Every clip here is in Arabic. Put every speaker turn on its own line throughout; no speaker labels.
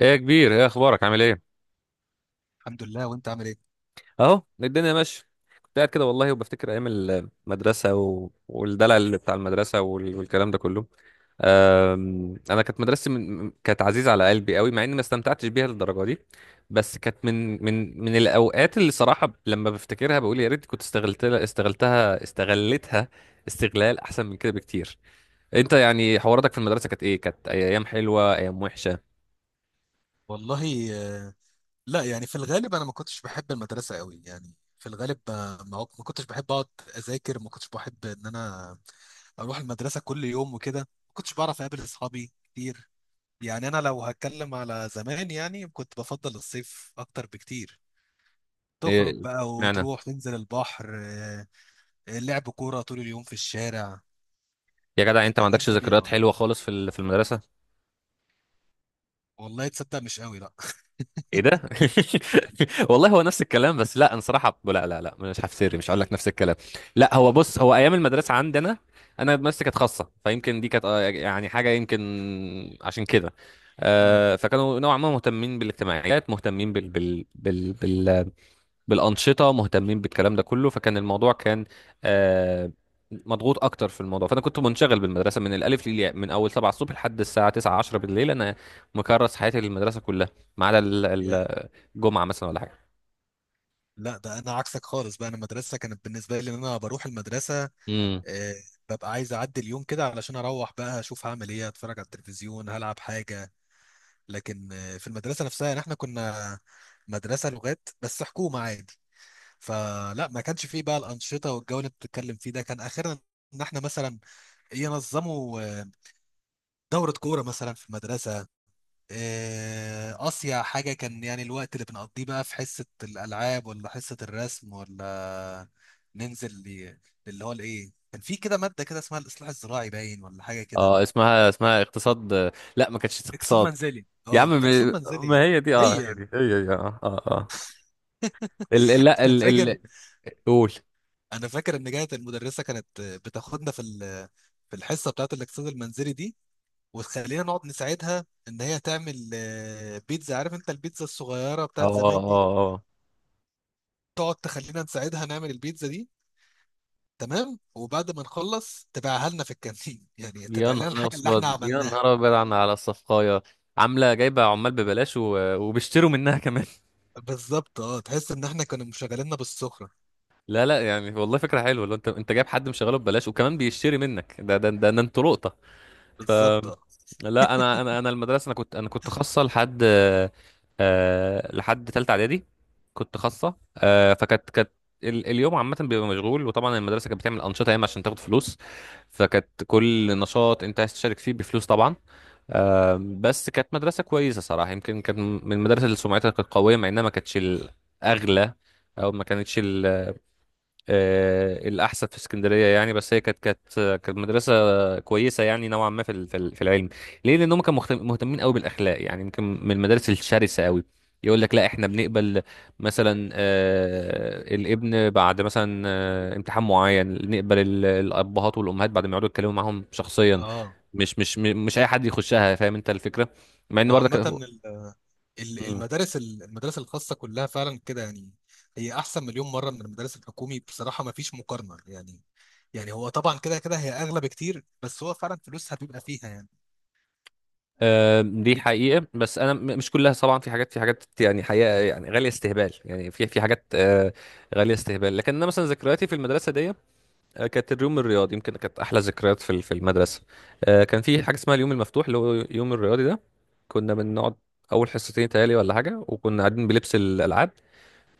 ايه يا كبير، ايه اخبارك؟ عامل ايه؟
الحمد لله وانت عامل ايه.
اهو الدنيا ماشيه. كنت قاعد كده والله وبفتكر ايام المدرسه والدلع اللي بتاع المدرسه والكلام ده كله. انا كانت مدرستي كانت عزيزه على قلبي قوي مع اني ما استمتعتش بيها للدرجه دي. بس كانت من الاوقات اللي صراحه لما بفتكرها بقول يا ريت كنت استغلتها استغلال احسن من كده بكتير. انت يعني حواراتك في المدرسه كانت ايه؟ كانت ايام حلوه ايام وحشه؟
والله آه، لا يعني في الغالب انا ما كنتش بحب المدرسه قوي. يعني في الغالب آه، ما كنتش بحب اقعد اذاكر، ما كنتش بحب ان انا اروح المدرسه كل يوم وكده. ما كنتش بعرف اقابل اصحابي كتير. يعني انا لو هتكلم على زمان يعني كنت بفضل الصيف اكتر بكتير. تخرج
ايه
بقى
معنى؟
وتروح تنزل البحر، آه، لعب كوره طول اليوم في الشارع.
يا جدع، انت
كانت
ما
ايام
عندكش
جميله
ذكريات
والله.
حلوه خالص في المدرسه؟
والله تصدق مش قوي، لا.
ايه ده؟ والله هو نفس الكلام، بس لا، انا صراحه لا لا لا، مش هفتري، مش هقول لك نفس الكلام. لا، هو بص، هو ايام المدرسه عندنا، انا مدرستي كانت خاصه، فيمكن دي كانت اه، يعني حاجه يمكن عشان كده.
مم.
آه، فكانوا نوعا ما مهتمين بالاجتماعيات، مهتمين بالانشطه، مهتمين بالكلام ده كله. فكان الموضوع كان آه، مضغوط اكتر في الموضوع. فانا كنت منشغل بالمدرسه من الالف للياء، من اول 7 الصبح لحد الساعه 9 10 بالليل. انا مكرس حياتي للمدرسه كلها، ما عدا الجمعه مثلا ولا حاجه.
لا ده انا عكسك خالص بقى. انا المدرسه كانت بالنسبه لي ان انا بروح المدرسه،
امم،
آه، ببقى عايز اعدي اليوم كده علشان اروح بقى اشوف هعمل ايه، اتفرج على التلفزيون، هلعب حاجه. لكن آه، في المدرسه نفسها يعني احنا كنا مدرسه لغات بس حكومه عادي. فلا ما كانش فيه بقى الانشطه والجو اللي بتتكلم فيه ده. كان اخرنا ان احنا مثلا ينظموا آه، دوره كوره مثلا في المدرسه. آه، أصيع حاجة كان يعني الوقت اللي بنقضيه بقى في حصة الألعاب ولا حصة الرسم، ولا ننزل اللي هو الإيه. كان في كده مادة كده اسمها الإصلاح الزراعي باين ولا حاجة كده.
اه اسمها اقتصاد. آه، لا، ما كانتش
اكسار
اقتصاد.
منزلي،
يا
اه،
عم،
اقسام منزلي.
ما هي دي، اه هي
هي.
دي هي، هي اه اه اه. ال ال- لا
انا
ال
فاكر،
ال قول.
انا فاكر ان كانت المدرسه كانت بتاخدنا في في الحصه بتاعت الاقتصاد المنزلي دي، وتخلينا نقعد نساعدها ان هي تعمل آه، بيتزا. عارف انت البيتزا الصغيره
اه
بتاعت
اه
زمان دي؟
اه، آه.
تقعد تخلينا نساعدها نعمل البيتزا دي، تمام، وبعد ما نخلص تبيعها لنا في الكانتين. يعني
يا
تبيع لنا
نهار
الحاجه اللي احنا
أسود، يا
عملناها.
نهار أبيض، على الصفقاية، عاملة جايبة عمال ببلاش وبيشتروا منها كمان.
بالظبط، اه، تحس ان احنا كانوا مشغليننا بالسخره.
لا لا، يعني والله فكرة حلوة. لو انت جايب حد مشغله ببلاش وكمان بيشتري منك، ده انتوا لقطة.
بالظبط،
أم،
اه،
لا، انا المدرسة، انا كنت خاصة لحد آه لحد تالتة اعدادي. كنت خاصة آه، فكانت اليوم عامة بيبقى مشغول، وطبعا المدرسة كانت بتعمل أنشطة ياما عشان تاخد فلوس، فكانت كل نشاط أنت عايز تشارك فيه بفلوس طبعا. آم، بس كانت مدرسة كويسة صراحة، يمكن كانت من المدارس اللي سمعتها كانت قوية مع انها ما كانتش الأغلى او ما كانتش آه، الاحسن في اسكندريه يعني. بس هي كانت كانت مدرسه كويسه يعني نوعا ما في العلم. ليه؟ لان هم كانوا مهتمين قوي بالاخلاق، يعني يمكن من المدارس الشرسه قوي. يقول لك لا، احنا بنقبل مثلا آه، الابن بعد مثلا آه، امتحان معين، نقبل الابهات والامهات بعد ما يقعدوا يتكلموا معاهم شخصيا.
اه.
مش اي حد يخشها، فاهم انت الفكره؟ مع ان
ما
برضك
عامه المدارس المدارس الخاصه كلها فعلا كده يعني. هي احسن مليون مره من المدارس الحكومي بصراحه، ما فيش مقارنه يعني. يعني هو طبعا كده كده هي اغلى بكتير، بس هو فعلا فلوسها بيبقى فيها يعني.
آه، دي حقيقة. بس أنا مش كلها طبعا، في حاجات، يعني حقيقة يعني غالية استهبال، يعني في في حاجات آه، غالية استهبال. لكن أنا مثلا ذكرياتي في المدرسة دي آه، كانت اليوم الرياضي يمكن كانت أحلى ذكريات في المدرسة. آه، كان في حاجة اسمها اليوم المفتوح، اللي هو يوم الرياضي ده. كنا بنقعد أول حصتين تهيألي ولا حاجة، وكنا قاعدين بلبس الألعاب.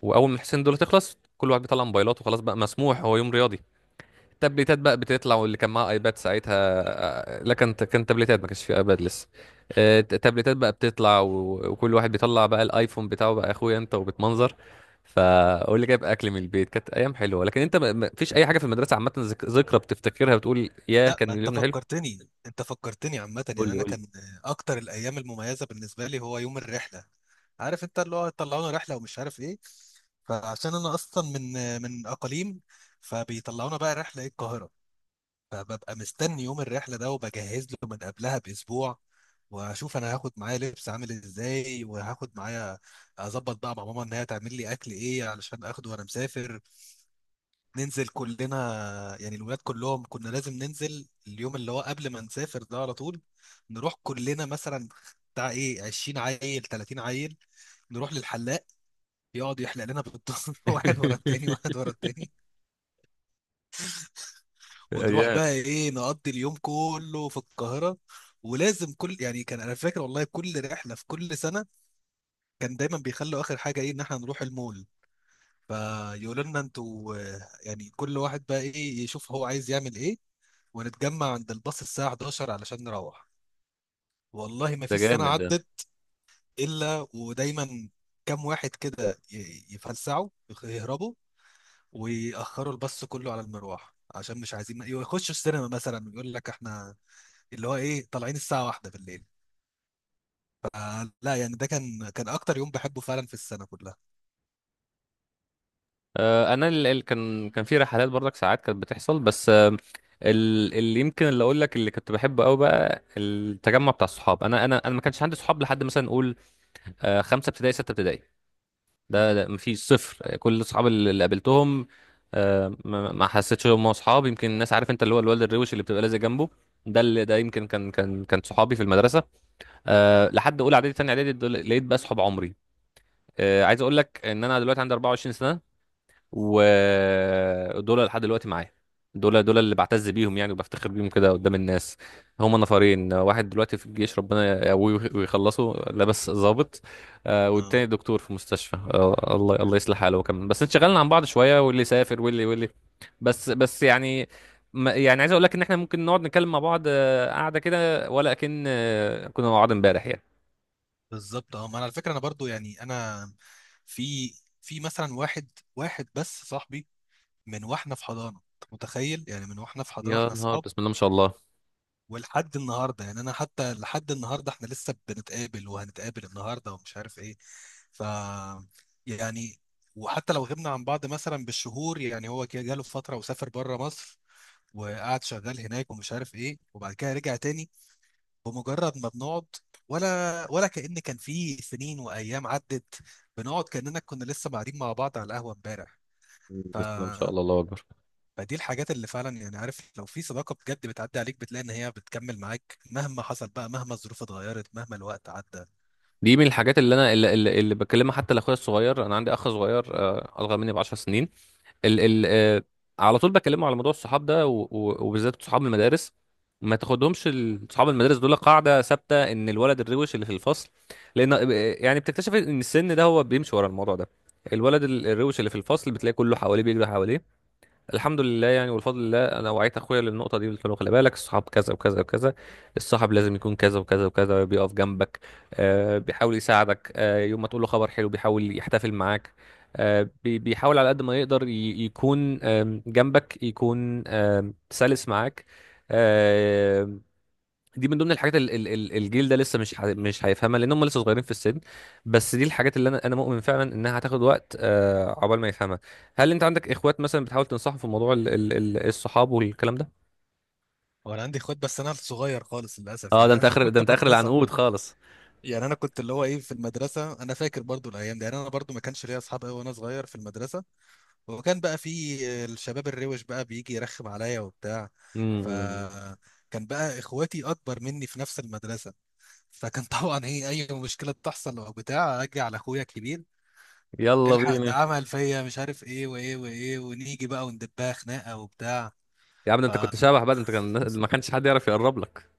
وأول ما الحصتين دول تخلص، كل واحد بيطلع موبايلاته، خلاص بقى مسموح، هو يوم رياضي. تابلتات بقى بتطلع، واللي كان معاه ايباد ساعتها. آه، لا، كان تابلتات، ما كانش فيه ايباد لسه. آه، تابلتات بقى بتطلع وكل واحد بيطلع بقى الايفون بتاعه بقى، اخويا انت وبتمنظر. فقول لي جايب اكل من البيت. كانت ايام حلوه. لكن انت، ما فيش اي حاجه في المدرسه عامه، ذكرى بتفتكرها بتقول يا
لا،
كان
ما انت
اليوم ده حلو؟
فكرتني، انت فكرتني عامة. يعني انا
قول لي.
كان اكتر الايام المميزة بالنسبة لي هو يوم الرحلة. عارف انت اللي هو طلعونا رحلة ومش عارف ايه. فعشان انا اصلا من اقاليم، فبيطلعونا بقى رحلة ايه القاهرة. فببقى مستني يوم الرحلة ده، وبجهز له من قبلها باسبوع. واشوف انا هاخد معايا لبس عامل ازاي، وهاخد معايا، اظبط بقى مع ماما ان هي تعمل لي اكل ايه علشان اخده وانا مسافر. ننزل كلنا، يعني الولاد كلهم كنا لازم ننزل اليوم اللي هو قبل ما نسافر ده على طول. نروح كلنا مثلا بتاع ايه 20 عيل، 30 عيل، نروح للحلاق، يقعد يحلق لنا بالضرب. واحد ورا التاني، واحد ورا التاني. ونروح
يا،
بقى ايه نقضي اليوم كله في القاهرة. ولازم كل يعني كان، انا فاكر والله كل رحلة في كل سنة كان دايما بيخلوا اخر حاجة ايه ان احنا نروح المول. فيقولوا لنا انتوا آه، يعني كل واحد بقى ايه يشوف هو عايز يعمل ايه، ونتجمع عند الباص الساعة 11 علشان نروح. والله ما
ده
فيش سنة
جامد ده.
عدت إلا ودايما كام واحد كده يفلسعوا، يهربوا ويأخروا الباص كله على المروح، عشان مش عايزين يخشوا السينما مثلا، ويقول لك احنا اللي هو ايه طالعين الساعة واحدة بالليل. فلا يعني ده كان، كان أكتر يوم بحبه فعلا في السنة كلها.
آه، انا اللي كان في رحلات برضك ساعات كانت بتحصل، بس آه، اللي اقول لك اللي كنت بحبه قوي بقى التجمع بتاع الصحاب. انا ما كانش عندي صحاب لحد مثلا نقول آه، خمسه ابتدائي سته ابتدائي. ده,
مم.
ده مفيش صفر. كل الصحاب اللي قابلتهم آه، ما حسيتش ان هم اصحاب. يمكن الناس، عارف انت، اللي هو الولد الروش اللي بتبقى لازق جنبه، ده اللي ده يمكن كان صحابي في المدرسه. أه لحد اولى اعدادي ثانيه اعدادي لقيت بقى صحاب عمري. أه، عايز اقول لك ان انا دلوقتي عندي 24 سنه، ودول لحد دلوقتي معايا. دول اللي بعتز بيهم يعني وبفتخر بيهم كده قدام الناس. هما نفرين، واحد دلوقتي في الجيش، ربنا يقويه ويخلصه لابس ضابط آه،
اه،
والتاني دكتور في مستشفى آه، الله، الله يصلح حاله هو كمان. بس انشغلنا عن بعض شوية، واللي سافر واللي بس، يعني يعني عايز اقول لك ان احنا ممكن نقعد نتكلم مع بعض آه، قعدة كده ولا كأن آه، كنا مع بعض امبارح يعني.
بالظبط، اه. ما أنا على فكرة أنا برضو يعني أنا في، في مثلا واحد بس صاحبي، من واحنا في حضانه. انت متخيل؟ يعني من واحنا في حضانه
يا
احنا
نهار،
اصحاب،
بسم الله ما شاء الله.
ولحد النهارده يعني. انا حتى لحد النهارده احنا لسه بنتقابل، وهنتقابل النهارده ومش عارف ايه. ف، يعني وحتى لو غبنا عن بعض مثلا بالشهور، يعني هو كده جاله فتره وسافر بره مصر، وقعد شغال هناك ومش عارف ايه، وبعد كده رجع تاني. بمجرد ما بنقعد، ولا كأن كان في سنين وايام عدت، بنقعد كأننا كنا لسه قاعدين مع بعض على القهوه امبارح. ف،
بسم الله ما شاء الله، الله اكبر.
فدي الحاجات اللي فعلا يعني، عارف، لو في صداقة بجد بتعدي عليك بتلاقي ان هي بتكمل معاك مهما حصل بقى، مهما الظروف اتغيرت، مهما الوقت عدى.
دي من الحاجات اللي انا اللي بكلمها حتى لاخويا الصغير، انا عندي اخ صغير آه، اصغر مني ب 10 سنين. ال ال آه، على طول بكلمه على موضوع الصحاب ده، وبالذات صحاب المدارس. ما تاخدهمش صحاب المدارس دول قاعده ثابته ان الولد الروش اللي في الفصل. لان آه، يعني بتكتشف ان السن ده هو بيمشي ورا الموضوع ده. الولد الروش اللي في الفصل بتلاقي كله حواليه، بيجري حواليه. الحمد لله يعني، والفضل لله، انا وعيت اخويا للنقطه دي، قلت له خلي بالك، الصحاب كذا وكذا وكذا، الصاحب لازم يكون كذا وكذا وكذا، بيقف جنبك آه، بيحاول يساعدك آه، يوم ما تقول له خبر حلو بيحاول يحتفل معاك آه، بيحاول على قد ما يقدر يكون آم، جنبك، يكون آم، سلس معاك. دي من ضمن الحاجات الجيل ده لسه مش هيفهمها لان هم لسه صغيرين في السن. بس دي الحاجات اللي انا مؤمن فعلا انها هتاخد وقت آه، عقبال ما يفهمها. هل انت عندك اخوات مثلا بتحاول تنصحهم في موضوع الصحاب والكلام ده؟
وانا عندي اخوات بس انا صغير خالص للاسف
اه
يعني.
ده انت
انا
اخر، ده
كنت
انت اخر
بتنصح
العنقود
بقى.
خالص.
يعني انا كنت اللي هو ايه في المدرسة، انا فاكر برضو الايام دي. يعني انا برضو ما كانش ليا اصحاب قوي وانا صغير في المدرسة. وكان بقى في الشباب الروش بقى بيجي يرخم عليا وبتاع. ف،
امم.
كان بقى اخواتي اكبر مني في نفس المدرسه، فكان طبعا ايه اي مشكله بتحصل او بتاع اجي على اخويا الكبير:
يلا
الحق، ده
بينا.
عمل فيا مش عارف ايه وايه وايه، ونيجي بقى وندبها خناقه وبتاع.
يا عم، ده انت كنت
فعشان
شبح بقى، ده انت كان ما كانش حد يعرف يقرب لك.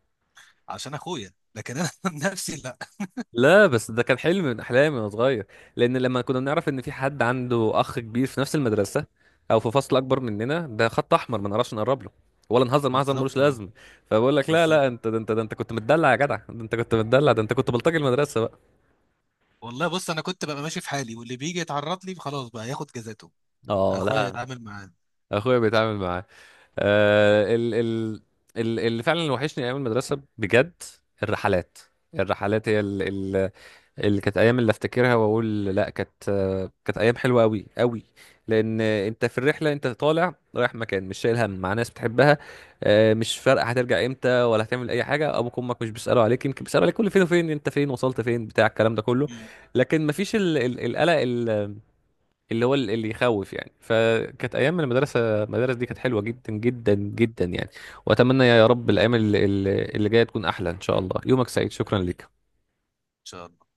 اخويا، لكن انا من نفسي لا.
لا، بس ده كان حلم من احلامي وانا صغير. لان لما كنا بنعرف ان في حد عنده اخ كبير في نفس المدرسه او في فصل اكبر مننا، ده خط احمر، ما نعرفش نقرب له ولا نهزر معاه هزار ملوش
بالظبط، اه،
لازمه. فبقول لك لا
بالظبط.
لا، انت ده، انت ده، انت كنت متدلع يا جدع، ده انت كنت متدلع، ده انت كنت بلطجي المدرسه بقى.
والله بص انا كنت ببقى ماشي في حالي، واللي بيجي يتعرض لي خلاص بقى ياخد جزاته،
اه،
اخويا
لا،
يتعامل معاه. مم.
اخويا بيتعامل معاه. آه ال ال ال اللي فعلا اللي وحشني ايام المدرسه بجد الرحلات. هي اللي كانت ايام اللي افتكرها واقول لا، كانت ايام حلوه قوي قوي. لان انت في الرحله، انت طالع رايح مكان، مش شايل هم، مع ناس بتحبها آه، مش فارقه هترجع امتى ولا هتعمل اي حاجه، ابوك وامك مش بيسالوا عليك، يمكن بيسالوا عليك كل فين وفين، انت فين وصلت فين بتاع الكلام ده كله.
ان
لكن مفيش القلق اللي هو اللي يخوف يعني. فكانت ايام من المدرسه، المدارس دي كانت حلوه جدا جدا جدا يعني. واتمنى يا رب الايام اللي جايه تكون احلى ان شاء الله. يومك سعيد، شكرا لك.
شاء الله.